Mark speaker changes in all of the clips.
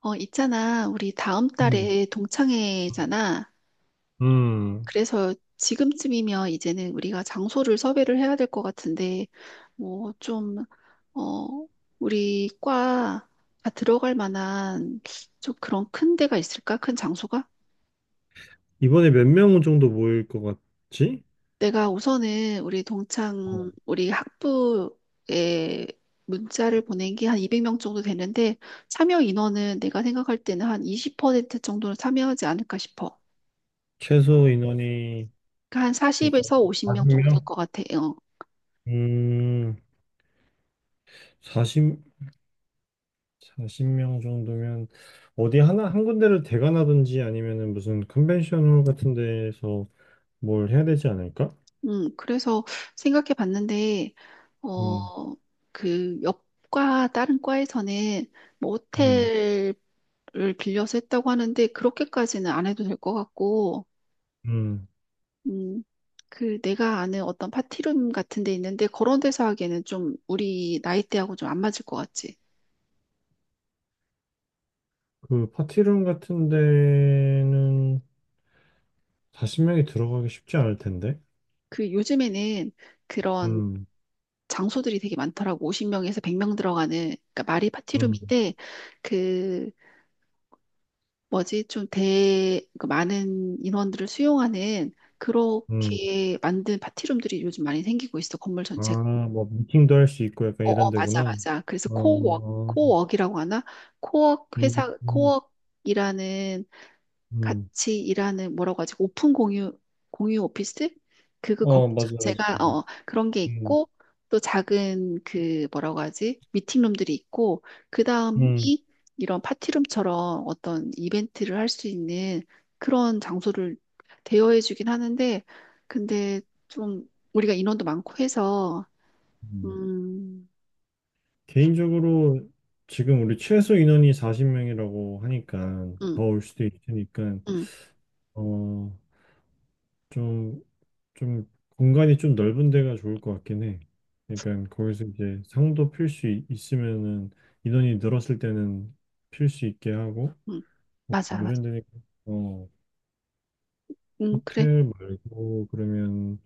Speaker 1: 있잖아. 우리 다음
Speaker 2: 음.
Speaker 1: 달에 동창회잖아.
Speaker 2: 음.
Speaker 1: 그래서 지금쯤이면 이제는 우리가 장소를 섭외를 해야 될 것 같은데, 뭐, 좀, 어, 우리 과 다 들어갈 만한 좀 그런 큰 데가 있을까? 큰 장소가?
Speaker 2: 이번에 몇 명 정도 모일 것 같지?
Speaker 1: 내가 우선은 우리
Speaker 2: 어.
Speaker 1: 동창, 우리 학부에 문자를 보낸 게 한 200명 정도 되는데, 참여 인원은 내가 생각할 때는 한 20% 정도는 참여하지 않을까 싶어.
Speaker 2: 최소 인원이,
Speaker 1: 그러니까 한
Speaker 2: 그러니까
Speaker 1: 40에서 50명 정도 될
Speaker 2: 40명?
Speaker 1: 것 같아요.
Speaker 2: 음, 사십 사십 명 정도면 어디 하나, 한 군데를 대관하든지 아니면은 무슨 컨벤션홀 같은 데에서 뭘 해야 되지 않을까?
Speaker 1: 그래서 생각해 봤는데,
Speaker 2: 음,
Speaker 1: 어, 그 옆과 다른 과에서는 뭐
Speaker 2: 음,
Speaker 1: 호텔을 빌려서 했다고 하는데, 그렇게까지는 안 해도 될 것 같고,
Speaker 2: 음.
Speaker 1: 음, 그 내가 아는 어떤 파티룸 같은 데 있는데, 그런 데서 하기에는 좀 우리 나이대하고 좀 안 맞을 것 같지.
Speaker 2: 그 파티룸 같은 데는 40명이 들어가기 쉽지 않을 텐데.
Speaker 1: 그 요즘에는 그런
Speaker 2: 음,
Speaker 1: 장소들이 되게 많더라고. 50명에서 100명 들어가는, 그러니까 말이
Speaker 2: 음,
Speaker 1: 파티룸인데, 그 뭐지? 좀 대, 그 많은 인원들을 수용하는
Speaker 2: 음.
Speaker 1: 그렇게 만든 파티룸들이 요즘 많이 생기고 있어, 건물 전체가.
Speaker 2: 아, 뭐 미팅도 할 수 있고 약간
Speaker 1: 어,
Speaker 2: 이런
Speaker 1: 어, 맞아,
Speaker 2: 데구나.
Speaker 1: 맞아. 그래서
Speaker 2: 어,
Speaker 1: 코워크,
Speaker 2: 어, 어.
Speaker 1: 코워크이라고 하나? 코워크
Speaker 2: 음,
Speaker 1: 회사,
Speaker 2: 음,
Speaker 1: 코워크이라는
Speaker 2: 음.
Speaker 1: 같이 일하는 뭐라고 하지? 오픈 공유 공유 오피스? 그거 거
Speaker 2: 어, 맞아요,
Speaker 1: 제가
Speaker 2: 맞아요.
Speaker 1: 그런 게
Speaker 2: 음,
Speaker 1: 있고 또 작은 그 뭐라고 하지? 미팅룸들이 있고 그다음이
Speaker 2: 음.
Speaker 1: 이런 파티룸처럼 어떤 이벤트를 할 수 있는 그런 장소를 대여해 주긴 하는데 근데 좀 우리가 인원도 많고 해서
Speaker 2: 음.
Speaker 1: 음,
Speaker 2: 개인적으로 지금 우리 최소 인원이 40명이라고 하니까
Speaker 1: 음,
Speaker 2: 더 올 수도 있으니까
Speaker 1: 음,
Speaker 2: 어, 좀, 좀 공간이 좀 넓은 데가 좋을 것 같긴 해. 그러니까 거기서 이제 상도 필 수 있으면은 인원이 늘었을 때는 필 수 있게 하고
Speaker 1: 음.
Speaker 2: 뭐
Speaker 1: 맞아, 맞아.
Speaker 2: 이런 데니까. 어.
Speaker 1: 그래.
Speaker 2: 호텔 말고 그러면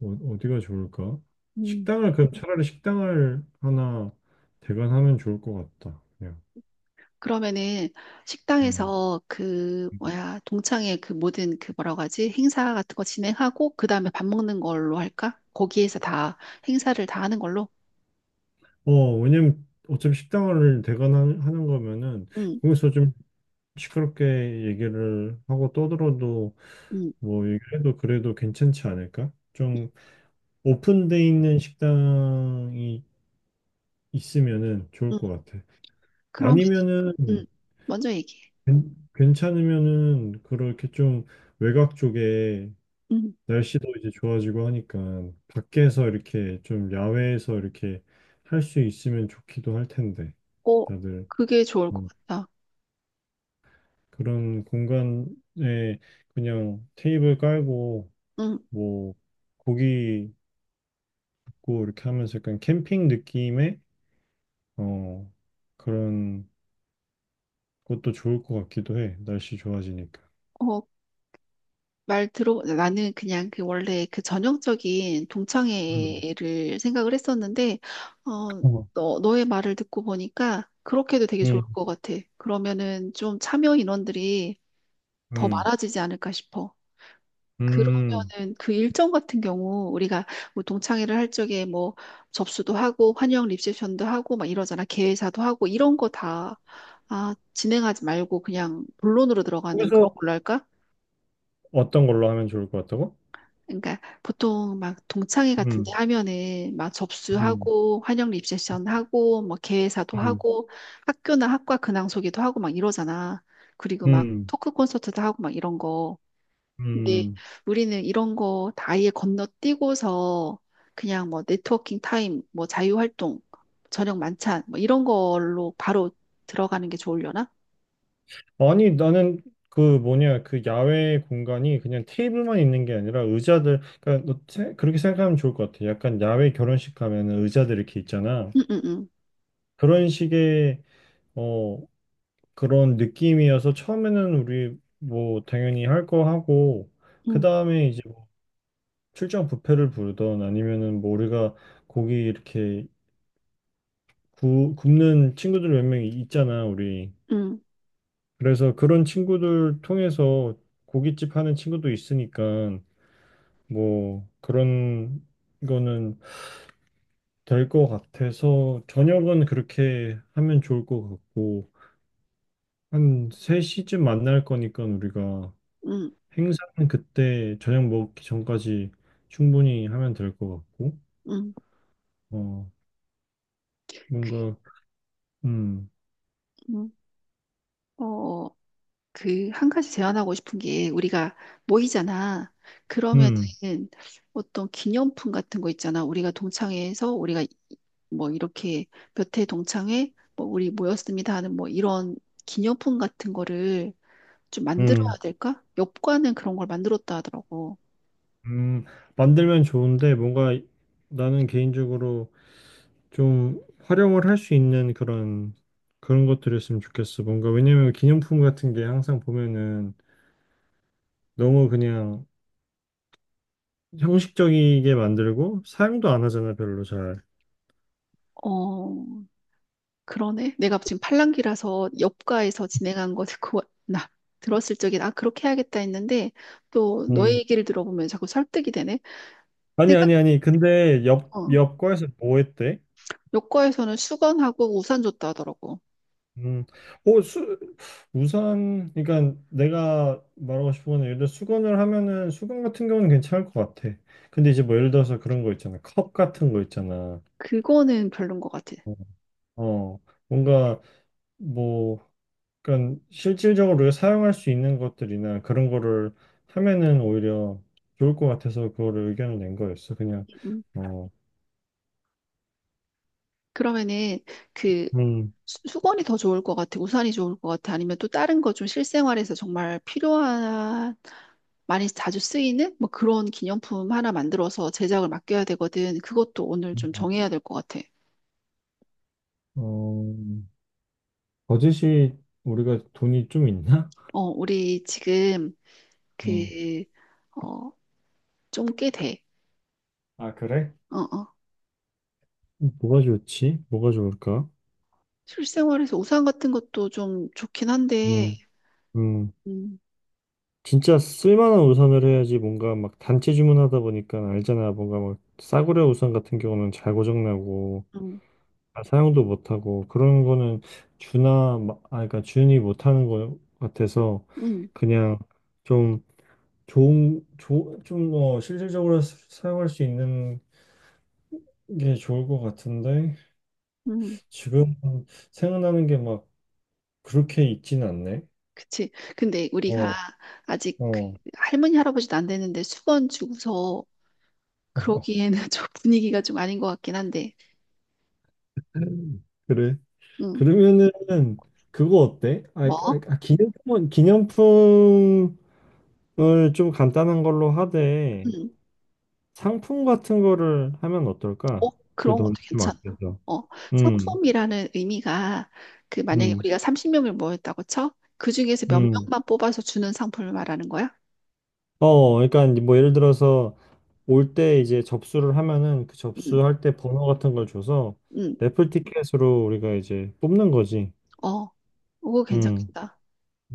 Speaker 2: 어, 디가 좋을까?
Speaker 1: 음.
Speaker 2: 식당을 그럼 차라리 식당을 하나 대관하면 좋을 것 같다. 그냥.
Speaker 1: 그러면은
Speaker 2: 음.
Speaker 1: 식당에서 그 뭐야 동창회 그 모든 그 뭐라고 하지 행사 같은 거 진행하고 그 다음에 밥 먹는 걸로 할까? 거기에서 다 행사를 다 하는 걸로.
Speaker 2: 어, 왜냐면 어차피 식당을 대관하는 거면은
Speaker 1: 응,
Speaker 2: 거기서 좀 시끄럽게 얘기를 하고 떠들어도
Speaker 1: 응,
Speaker 2: 뭐 얘기해도 그래도 괜찮지 않을까?
Speaker 1: 응,
Speaker 2: 좀 오픈돼 있는 식당이 있으면은 좋을
Speaker 1: 응.
Speaker 2: 것 같아.
Speaker 1: 그러면
Speaker 2: 아니면은
Speaker 1: 응 먼저 얘기해.
Speaker 2: 괜찮으면은 그렇게 좀 외곽 쪽에
Speaker 1: 응,
Speaker 2: 날씨도 이제 좋아지고 하니까 밖에서 이렇게 좀 야외에서 이렇게 할 수 있으면 좋기도 할 텐데
Speaker 1: 어
Speaker 2: 다들
Speaker 1: 그게 좋을
Speaker 2: 어,
Speaker 1: 것 같다.
Speaker 2: 그런 공간에 그냥 테이블 깔고
Speaker 1: 응,
Speaker 2: 뭐 고기 굽고 이렇게 하면서 약간 캠핑 느낌의 어 그런 것도 좋을 것 같기도 해 날씨 좋아지니까.
Speaker 1: 어 말 들어, 나는 그냥 그 원래 그 전형적인
Speaker 2: 음.
Speaker 1: 동창회를 생각을 했었는데, 어,
Speaker 2: 어.
Speaker 1: 너의 말을 듣고 보니까 그렇게도 되게 좋을
Speaker 2: 음.
Speaker 1: 것 같아. 그러면은 좀 참여 인원들이 더
Speaker 2: 음.
Speaker 1: 많아지지 않을까 싶어.
Speaker 2: 음.
Speaker 1: 그러면은 그 일정 같은 경우 우리가 뭐 동창회를 할 적에 뭐 접수도 하고 환영 리셉션도 하고 막 이러잖아. 개회사도 하고 이런 거 다, 아, 진행하지 말고 그냥 본론으로 들어가는
Speaker 2: 거기서
Speaker 1: 그런 걸로 할까?
Speaker 2: 어떤 걸로 하면 좋을 것 같다고?
Speaker 1: 그러니까 보통 막 동창회 같은 데
Speaker 2: 음,
Speaker 1: 하면은 막
Speaker 2: 음,
Speaker 1: 접수하고 환영 리셉션 하고 뭐 개회사도
Speaker 2: 음,
Speaker 1: 하고 학교나 학과 근황 소개도 하고 막 이러잖아. 그리고 막
Speaker 2: 음,
Speaker 1: 토크 콘서트도 하고 막 이런 거. 근데
Speaker 2: 음.
Speaker 1: 우리는 이런 거 다 아예 건너뛰고서 그냥 뭐 네트워킹 타임, 뭐 자유 활동, 저녁 만찬 뭐 이런 걸로 바로 들어가는 게 좋으려나?
Speaker 2: 아니, 나는 그 뭐냐, 그 야외 공간이 그냥 테이블만 있는 게 아니라 의자들, 그러니까 그렇게 생각하면 좋을 것 같아. 약간 야외 결혼식 가면은 의자들 이렇게 있잖아.
Speaker 1: 응응응.
Speaker 2: 그런 식의, 어, 그런 느낌이어서 처음에는 우리 뭐 당연히 할 거 하고, 그
Speaker 1: 응응응.
Speaker 2: 다음에 이제 뭐 출장 뷔페를 부르던 아니면은 뭐 우리가 고기 이렇게 굽는 친구들 몇 명 있잖아, 우리.
Speaker 1: 응.
Speaker 2: 그래서 그런 친구들 통해서 고깃집 하는 친구도 있으니까 뭐 그런 거는 될 것 같아서 저녁은 그렇게 하면 좋을 것 같고 한 3시쯤 만날 거니까 우리가
Speaker 1: 응, 응,
Speaker 2: 행사는 그때 저녁 먹기 전까지 충분히 하면 될 것 같고
Speaker 1: 응. 응.
Speaker 2: 어
Speaker 1: 그
Speaker 2: 뭔가 음
Speaker 1: 응. 어 그, 한 가지 제안하고 싶은 게, 우리가 모이잖아.
Speaker 2: 음,
Speaker 1: 그러면은 어떤 기념품 같은 거 있잖아. 우리가 동창회에서 우리가 뭐 이렇게 몇 회 동창회, 뭐 우리 모였습니다 하는 뭐 이런 기념품 같은 거를 좀 만들어야
Speaker 2: 음,
Speaker 1: 될까? 엽과는 그런 걸 만들었다 하더라고.
Speaker 2: 음, 만들면 좋은데 뭔가 나는 개인적으로 좀 활용을 할 수 있는 그런 그런 것들이었으면 좋겠어. 뭔가 왜냐면 기념품 같은 게 항상 보면은 너무 그냥 형식적이게 만들고 사용도 안 하잖아, 별로 잘.
Speaker 1: 어, 그러네. 내가 지금 팔랑귀라서 엽과에서 진행한 거 듣고 나 들었을 적엔 아, 그렇게 해야겠다 했는데 또 너의
Speaker 2: 음.
Speaker 1: 얘기를 들어보면 자꾸 설득이 되네.
Speaker 2: 아니
Speaker 1: 내가
Speaker 2: 아니 아니. 근데 옆
Speaker 1: 어,
Speaker 2: 옆과에서 뭐 했대?
Speaker 1: 요과에서는 수건하고 우산 줬다 하더라고.
Speaker 2: 음. 어, 우산 그러니까 내가 말하고 싶은 건 예를 들어 수건을 하면은 수건 같은 경우는 괜찮을 것 같아. 근데 이제 뭐 예를 들어서 그런 거 있잖아. 컵 같은 거 있잖아.
Speaker 1: 그거는 별론 것 같아.
Speaker 2: 어. 어. 뭔가 뭐 그러니까 실질적으로 사용할 수 있는 것들이나 그런 거를 하면은 오히려 좋을 것 같아서 그거를 의견을 낸 거였어. 그냥
Speaker 1: 음.
Speaker 2: 어,
Speaker 1: 그러면은 그
Speaker 2: 음,
Speaker 1: 수건이 더 좋을 것 같아. 우산이 좋을 것 같아. 아니면 또 다른 거 좀 실생활에서 정말 필요한, 많이 자주 쓰이는 뭐 그런 기념품 하나 만들어서 제작을 맡겨야 되거든. 그것도 오늘 좀 정해야 될 것 같아.
Speaker 2: 어, 버젯이 우리가 돈이 좀 있나?
Speaker 1: 어, 우리 지금
Speaker 2: 어.
Speaker 1: 그, 어, 좀 꽤 돼.
Speaker 2: 아, 그래?
Speaker 1: 어, 어.
Speaker 2: 뭐가 좋지? 뭐가 좋을까?
Speaker 1: 실생활에서 우산 같은 것도 좀 좋긴 한데,
Speaker 2: 음, 음.
Speaker 1: 음,
Speaker 2: 진짜 쓸만한 우산을 해야지 뭔가 막 단체 주문하다 보니까 알잖아. 뭔가 막 싸구려 우산 같은 경우는 잘 고장나고
Speaker 1: 음,
Speaker 2: 아, 사용도 못하고 그런 거는 아 그러니까 준이 못하는 거 같아서
Speaker 1: 음.
Speaker 2: 그냥 좀 좋은 좀뭐 실질적으로 사용할 수 있는 게 좋을 것 같은데
Speaker 1: 음.
Speaker 2: 지금 생각나는 게 막 그렇게 있진 않네.
Speaker 1: 그치. 근데 우리가
Speaker 2: 어,
Speaker 1: 아직 그
Speaker 2: 어.
Speaker 1: 할머니, 할아버지도 안 되는데 수건 주고서 그러기에는 좀 분위기가 좀 아닌 것 같긴 한데,
Speaker 2: 그래.
Speaker 1: 음
Speaker 2: 그러면은 그거 어때? 아, 아,
Speaker 1: 뭐?
Speaker 2: 아, 기념품을 좀 간단한 걸로 하되
Speaker 1: 음
Speaker 2: 상품 같은 거를 하면
Speaker 1: 어,
Speaker 2: 어떨까? 그
Speaker 1: 그런 것도
Speaker 2: 돈 좀
Speaker 1: 괜찮아.
Speaker 2: 아껴서.
Speaker 1: 어,
Speaker 2: 음,
Speaker 1: 상품이라는 의미가 그 만약에
Speaker 2: 음,
Speaker 1: 우리가 30명을 모였다고 쳐? 그 중에서 몇
Speaker 2: 음.
Speaker 1: 명만 뽑아서 주는 상품을 말하는 거야?
Speaker 2: 어, 그러니까 이제 뭐 예를 들어서 올 때 이제 접수를 하면은 그
Speaker 1: 음
Speaker 2: 접수할 때 번호 같은 걸 줘서
Speaker 1: 음
Speaker 2: 래플 티켓으로 우리가 이제 뽑는 거지.
Speaker 1: 어, 그거
Speaker 2: 음,
Speaker 1: 괜찮겠다.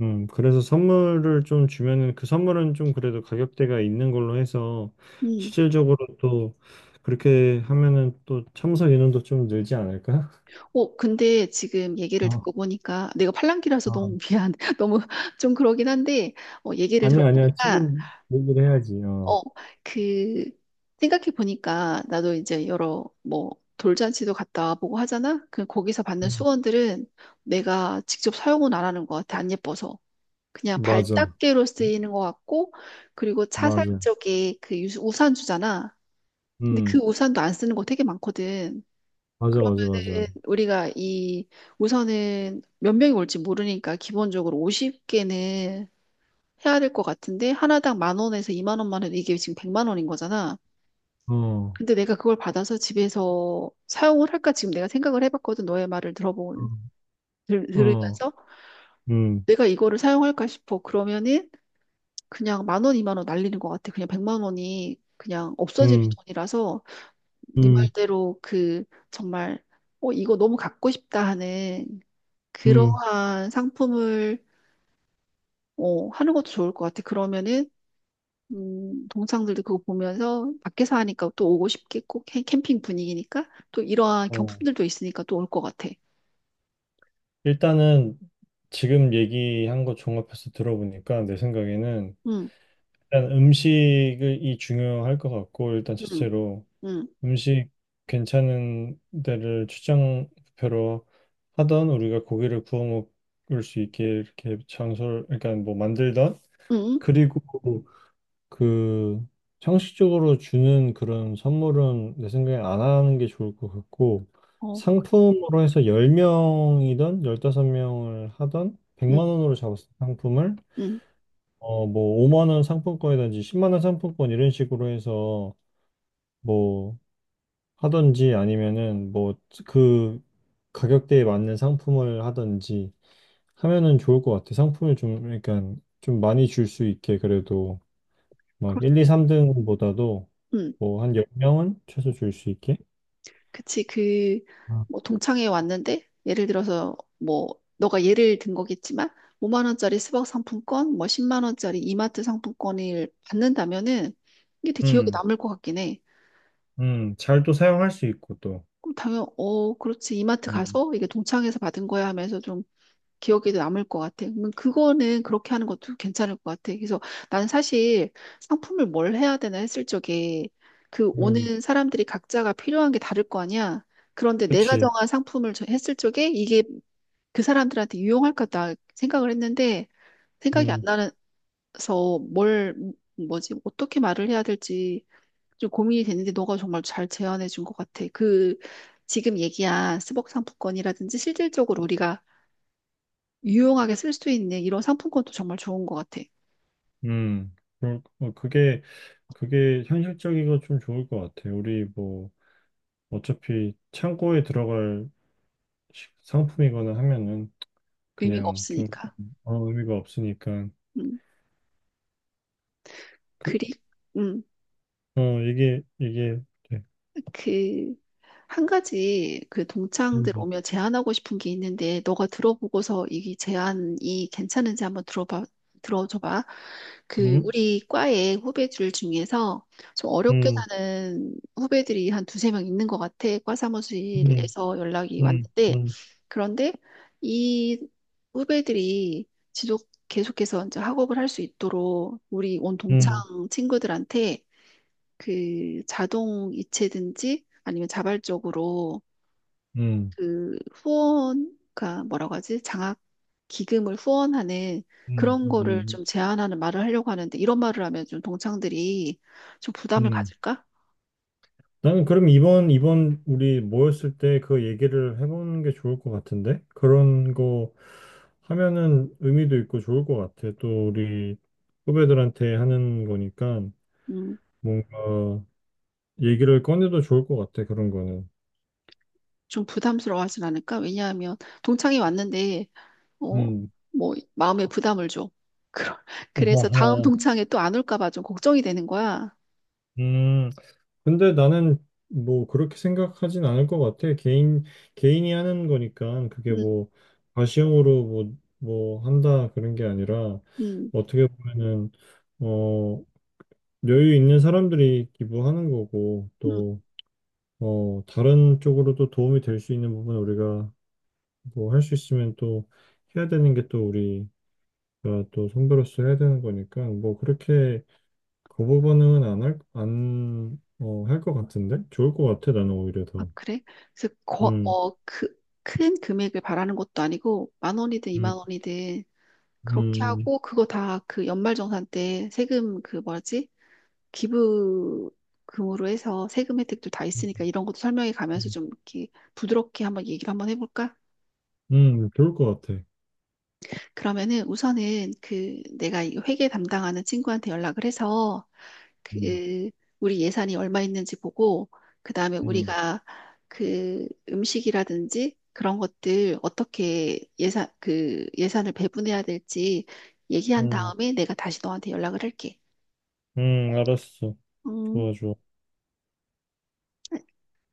Speaker 2: 그래서 선물을 좀 주면은 그 선물은 좀 그래도 가격대가 있는 걸로 해서
Speaker 1: 응.
Speaker 2: 실질적으로 또 그렇게 하면은 또 참석 인원도 좀 늘지 않을까?
Speaker 1: 어, 근데 지금 얘기를
Speaker 2: 어,
Speaker 1: 듣고 보니까 내가 팔랑귀라서
Speaker 2: 어.
Speaker 1: 너무 미안. 너무 좀 그러긴 한데, 어, 얘기를
Speaker 2: 아니, 아니야.
Speaker 1: 들어보니까,
Speaker 2: 지금 얘기를 해야지. 어.
Speaker 1: 어, 그, 생각해 보니까 나도 이제 여러 뭐 돌잔치도 갔다 와보고 하잖아? 그 거기서 받는
Speaker 2: 음,
Speaker 1: 수건들은 내가 직접 사용은 안 하는 것 같아. 안 예뻐서. 그냥
Speaker 2: 맞아.
Speaker 1: 발닦개로 쓰이는 것 같고, 그리고 차 살
Speaker 2: 맞아.
Speaker 1: 적에 그 우산 주잖아. 근데 그
Speaker 2: 음,
Speaker 1: 우산도 안 쓰는 거 되게 많거든.
Speaker 2: 맞아, 맞아, 맞아.
Speaker 1: 그러면은 우리가 이 우선은 몇 명이 올지 모르니까 기본적으로 50개는 해야 될 것 같은데 하나당 만 원에서 2만 원만 해도 이게 지금 100만 원인 거잖아.
Speaker 2: 어,
Speaker 1: 근데 내가 그걸 받아서 집에서 사용을 할까 지금 내가 생각을 해봤거든. 너의 말을 들어본
Speaker 2: 어, 어.
Speaker 1: 들으면서
Speaker 2: 음,
Speaker 1: 내가 이거를 사용할까 싶어. 그러면은 그냥 만 원, 2만 원 날리는 것 같아. 그냥 100만 원이 그냥 없어지는
Speaker 2: 음,
Speaker 1: 돈이라서 네
Speaker 2: 음,
Speaker 1: 말대로 그 정말 어, 이거 너무 갖고 싶다 하는
Speaker 2: 음.
Speaker 1: 그러한 상품을 어, 하는 것도 좋을 것 같아. 그러면은 동창들도 그거 보면서 밖에서 하니까 또 오고 싶겠고 캠핑 분위기니까 또 이러한
Speaker 2: 어.
Speaker 1: 경품들도 있으니까 또 올 것 같아.
Speaker 2: 일단은 지금 얘기한 거 종합해서 들어보니까 내 생각에는
Speaker 1: 응,
Speaker 2: 일단 음식이 중요할 것 같고 일단
Speaker 1: 응,
Speaker 2: 첫째로
Speaker 1: 응,
Speaker 2: 음식 괜찮은 데를 출장표로 하던 우리가 고기를 구워 먹을 수 있게 이렇게 장소를 그러니까 뭐 만들던
Speaker 1: 응,
Speaker 2: 그리고 그 형식적으로 주는 그런 선물은 내 생각엔 안 하는 게 좋을 것 같고
Speaker 1: 어,
Speaker 2: 상품으로 해서 10명이든 15명을 하던
Speaker 1: 응,
Speaker 2: 100만 원으로 잡았을 때 상품을
Speaker 1: 응,
Speaker 2: 어 뭐 5만 원 상품권이든지 10만 원 상품권 이런 식으로 해서 뭐 하든지 아니면은 뭐 그 가격대에 맞는 상품을 하든지 하면은 좋을 것 같아. 상품을 좀 그러니까 좀 많이 줄 수 있게 그래도 막
Speaker 1: 그렇,
Speaker 2: 1, 2, 3등보다도
Speaker 1: 응,
Speaker 2: 뭐 한 10명은 최소 줄 수 있게?
Speaker 1: 그치. 그
Speaker 2: 아,
Speaker 1: 뭐 동창회 왔는데 예를 들어서 뭐 너가 예를 든 거겠지만 5만 원짜리 스벅 상품권, 뭐 10만 원짜리 이마트 상품권을 받는다면은 이게 되게 기억에
Speaker 2: 음,
Speaker 1: 남을 것 같긴 해.
Speaker 2: 잘 또 사용할 수 있고 또.
Speaker 1: 그럼 당연, 어, 그렇지. 이마트
Speaker 2: 음,
Speaker 1: 가서 이게 동창회에서 받은 거야 하면서 좀 기억에도 남을 것 같아. 그러면 그거는 그렇게 하는 것도 괜찮을 것 같아. 그래서 난 사실 상품을 뭘 해야 되나 했을 적에 그
Speaker 2: 음,
Speaker 1: 오는 사람들이 각자가 필요한 게 다를 거 아니야. 그런데 내가
Speaker 2: 그치.
Speaker 1: 정한 상품을 했을 적에 이게 그 사람들한테 유용할까 생각을 했는데 생각이 안
Speaker 2: 음,
Speaker 1: 나서 뭘, 뭐지, 어떻게 말을 해야 될지 좀 고민이 됐는데 너가 정말 잘 제안해 준 것 같아. 그 지금 얘기한 스벅 상품권이라든지 실질적으로 우리가 유용하게 쓸 수 있는 이런 상품권도 정말 좋은 것 같아.
Speaker 2: 그럴- 어, 그게 현실적이고 좀 좋을 것 같아. 우리 뭐, 어차피 창고에 들어갈 상품이거나 하면은
Speaker 1: 의미가
Speaker 2: 그냥 좀
Speaker 1: 없으니까.
Speaker 2: 아무 의미가 없으니까.
Speaker 1: 음,
Speaker 2: 그,
Speaker 1: 그리, 음.
Speaker 2: 어, 이게, 돼.
Speaker 1: 그, 한 가지 그 동창들
Speaker 2: 음,
Speaker 1: 오며 제안하고 싶은 게 있는데, 너가 들어보고서 이 제안이 괜찮은지 한번 들어봐, 들어줘봐. 그,
Speaker 2: 음,
Speaker 1: 우리 과의 후배들 중에서 좀 어렵게
Speaker 2: 음,
Speaker 1: 사는 후배들이 한 두세 명 있는 것 같아. 과
Speaker 2: 음,
Speaker 1: 사무실에서 연락이
Speaker 2: 음,
Speaker 1: 왔는데,
Speaker 2: 음,
Speaker 1: 그런데 이 후배들이 지속 계속해서 이제 학업을 할 수 있도록 우리 온 동창
Speaker 2: 음.
Speaker 1: 친구들한테 그 자동 이체든지 아니면 자발적으로
Speaker 2: 음.
Speaker 1: 그 후원, 그 뭐라고 하지? 장학 기금을 후원하는
Speaker 2: 음,
Speaker 1: 그런 거를
Speaker 2: 음,
Speaker 1: 좀 제한하는 말을 하려고 하는데 이런 말을 하면 좀 동창들이 좀 부담을
Speaker 2: 음.
Speaker 1: 가질까?
Speaker 2: 나는 그럼 이번, 이번 우리 모였을 때 그 얘기를 해보는 게 좋을 것 같은데? 그런 거 하면은 의미도 있고 좋을 것 같아. 또 우리 후배들한테 하는 거니까
Speaker 1: 음,
Speaker 2: 뭔가 얘기를 꺼내도 좋을 것 같아, 그런 거는.
Speaker 1: 좀 부담스러워하진 않을까? 왜냐하면 동창이 왔는데 어,
Speaker 2: 음.
Speaker 1: 뭐 마음에 부담을 줘. 그러- 그래서 다음
Speaker 2: 아하.
Speaker 1: 동창에 또 안 올까 봐 좀 걱정이 되는 거야.
Speaker 2: 음. 근데 나는 뭐 그렇게 생각하진 않을 것 같아. 개인이 하는 거니까 그게
Speaker 1: 음,
Speaker 2: 뭐 과시형으로 뭐, 뭐 한다 그런 게 아니라
Speaker 1: 음,
Speaker 2: 어떻게 보면은, 어, 여유 있는 사람들이 기부하는 거고
Speaker 1: 음.
Speaker 2: 또, 어, 다른 쪽으로도 도움이 될 수 있는 부분 우리가 뭐 할 수 있으면 또 해야 되는 게 또 우리가 또 선배로서 해야 되는 거니까 뭐 그렇게 거부 반응은 안 할, 안, 어, 할 것 같은데? 좋을 것 같아, 나는 오히려
Speaker 1: 아,
Speaker 2: 더.
Speaker 1: 그래? 그래서 거,
Speaker 2: 음,
Speaker 1: 어, 그, 큰 금액을 바라는 것도 아니고 만 원이든
Speaker 2: 음,
Speaker 1: 이만 원이든 그렇게
Speaker 2: 음,
Speaker 1: 하고 그거 다 그 연말정산 때 세금 그 뭐지? 기부금으로 해서 세금 혜택도 다
Speaker 2: 음,
Speaker 1: 있으니까 이런 것도 설명해 가면서
Speaker 2: 음,
Speaker 1: 좀 이렇게 부드럽게 한번 얘기를 한번 해볼까?
Speaker 2: 좋을 것 같아.
Speaker 1: 그러면은 우선은 그 내가 이 회계 담당하는 친구한테 연락을 해서
Speaker 2: 음,
Speaker 1: 그 우리 예산이 얼마 있는지 보고 그다음에
Speaker 2: 음,
Speaker 1: 우리가 그 음식이라든지 그런 것들 어떻게 예산 그 예산을 배분해야 될지 얘기한
Speaker 2: 음,
Speaker 1: 다음에 내가 다시 너한테 연락을 할게.
Speaker 2: 알았어.
Speaker 1: 음,
Speaker 2: 좋아, 좋아.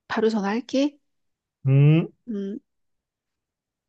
Speaker 1: 바로 전화할게.
Speaker 2: 음.
Speaker 1: 음.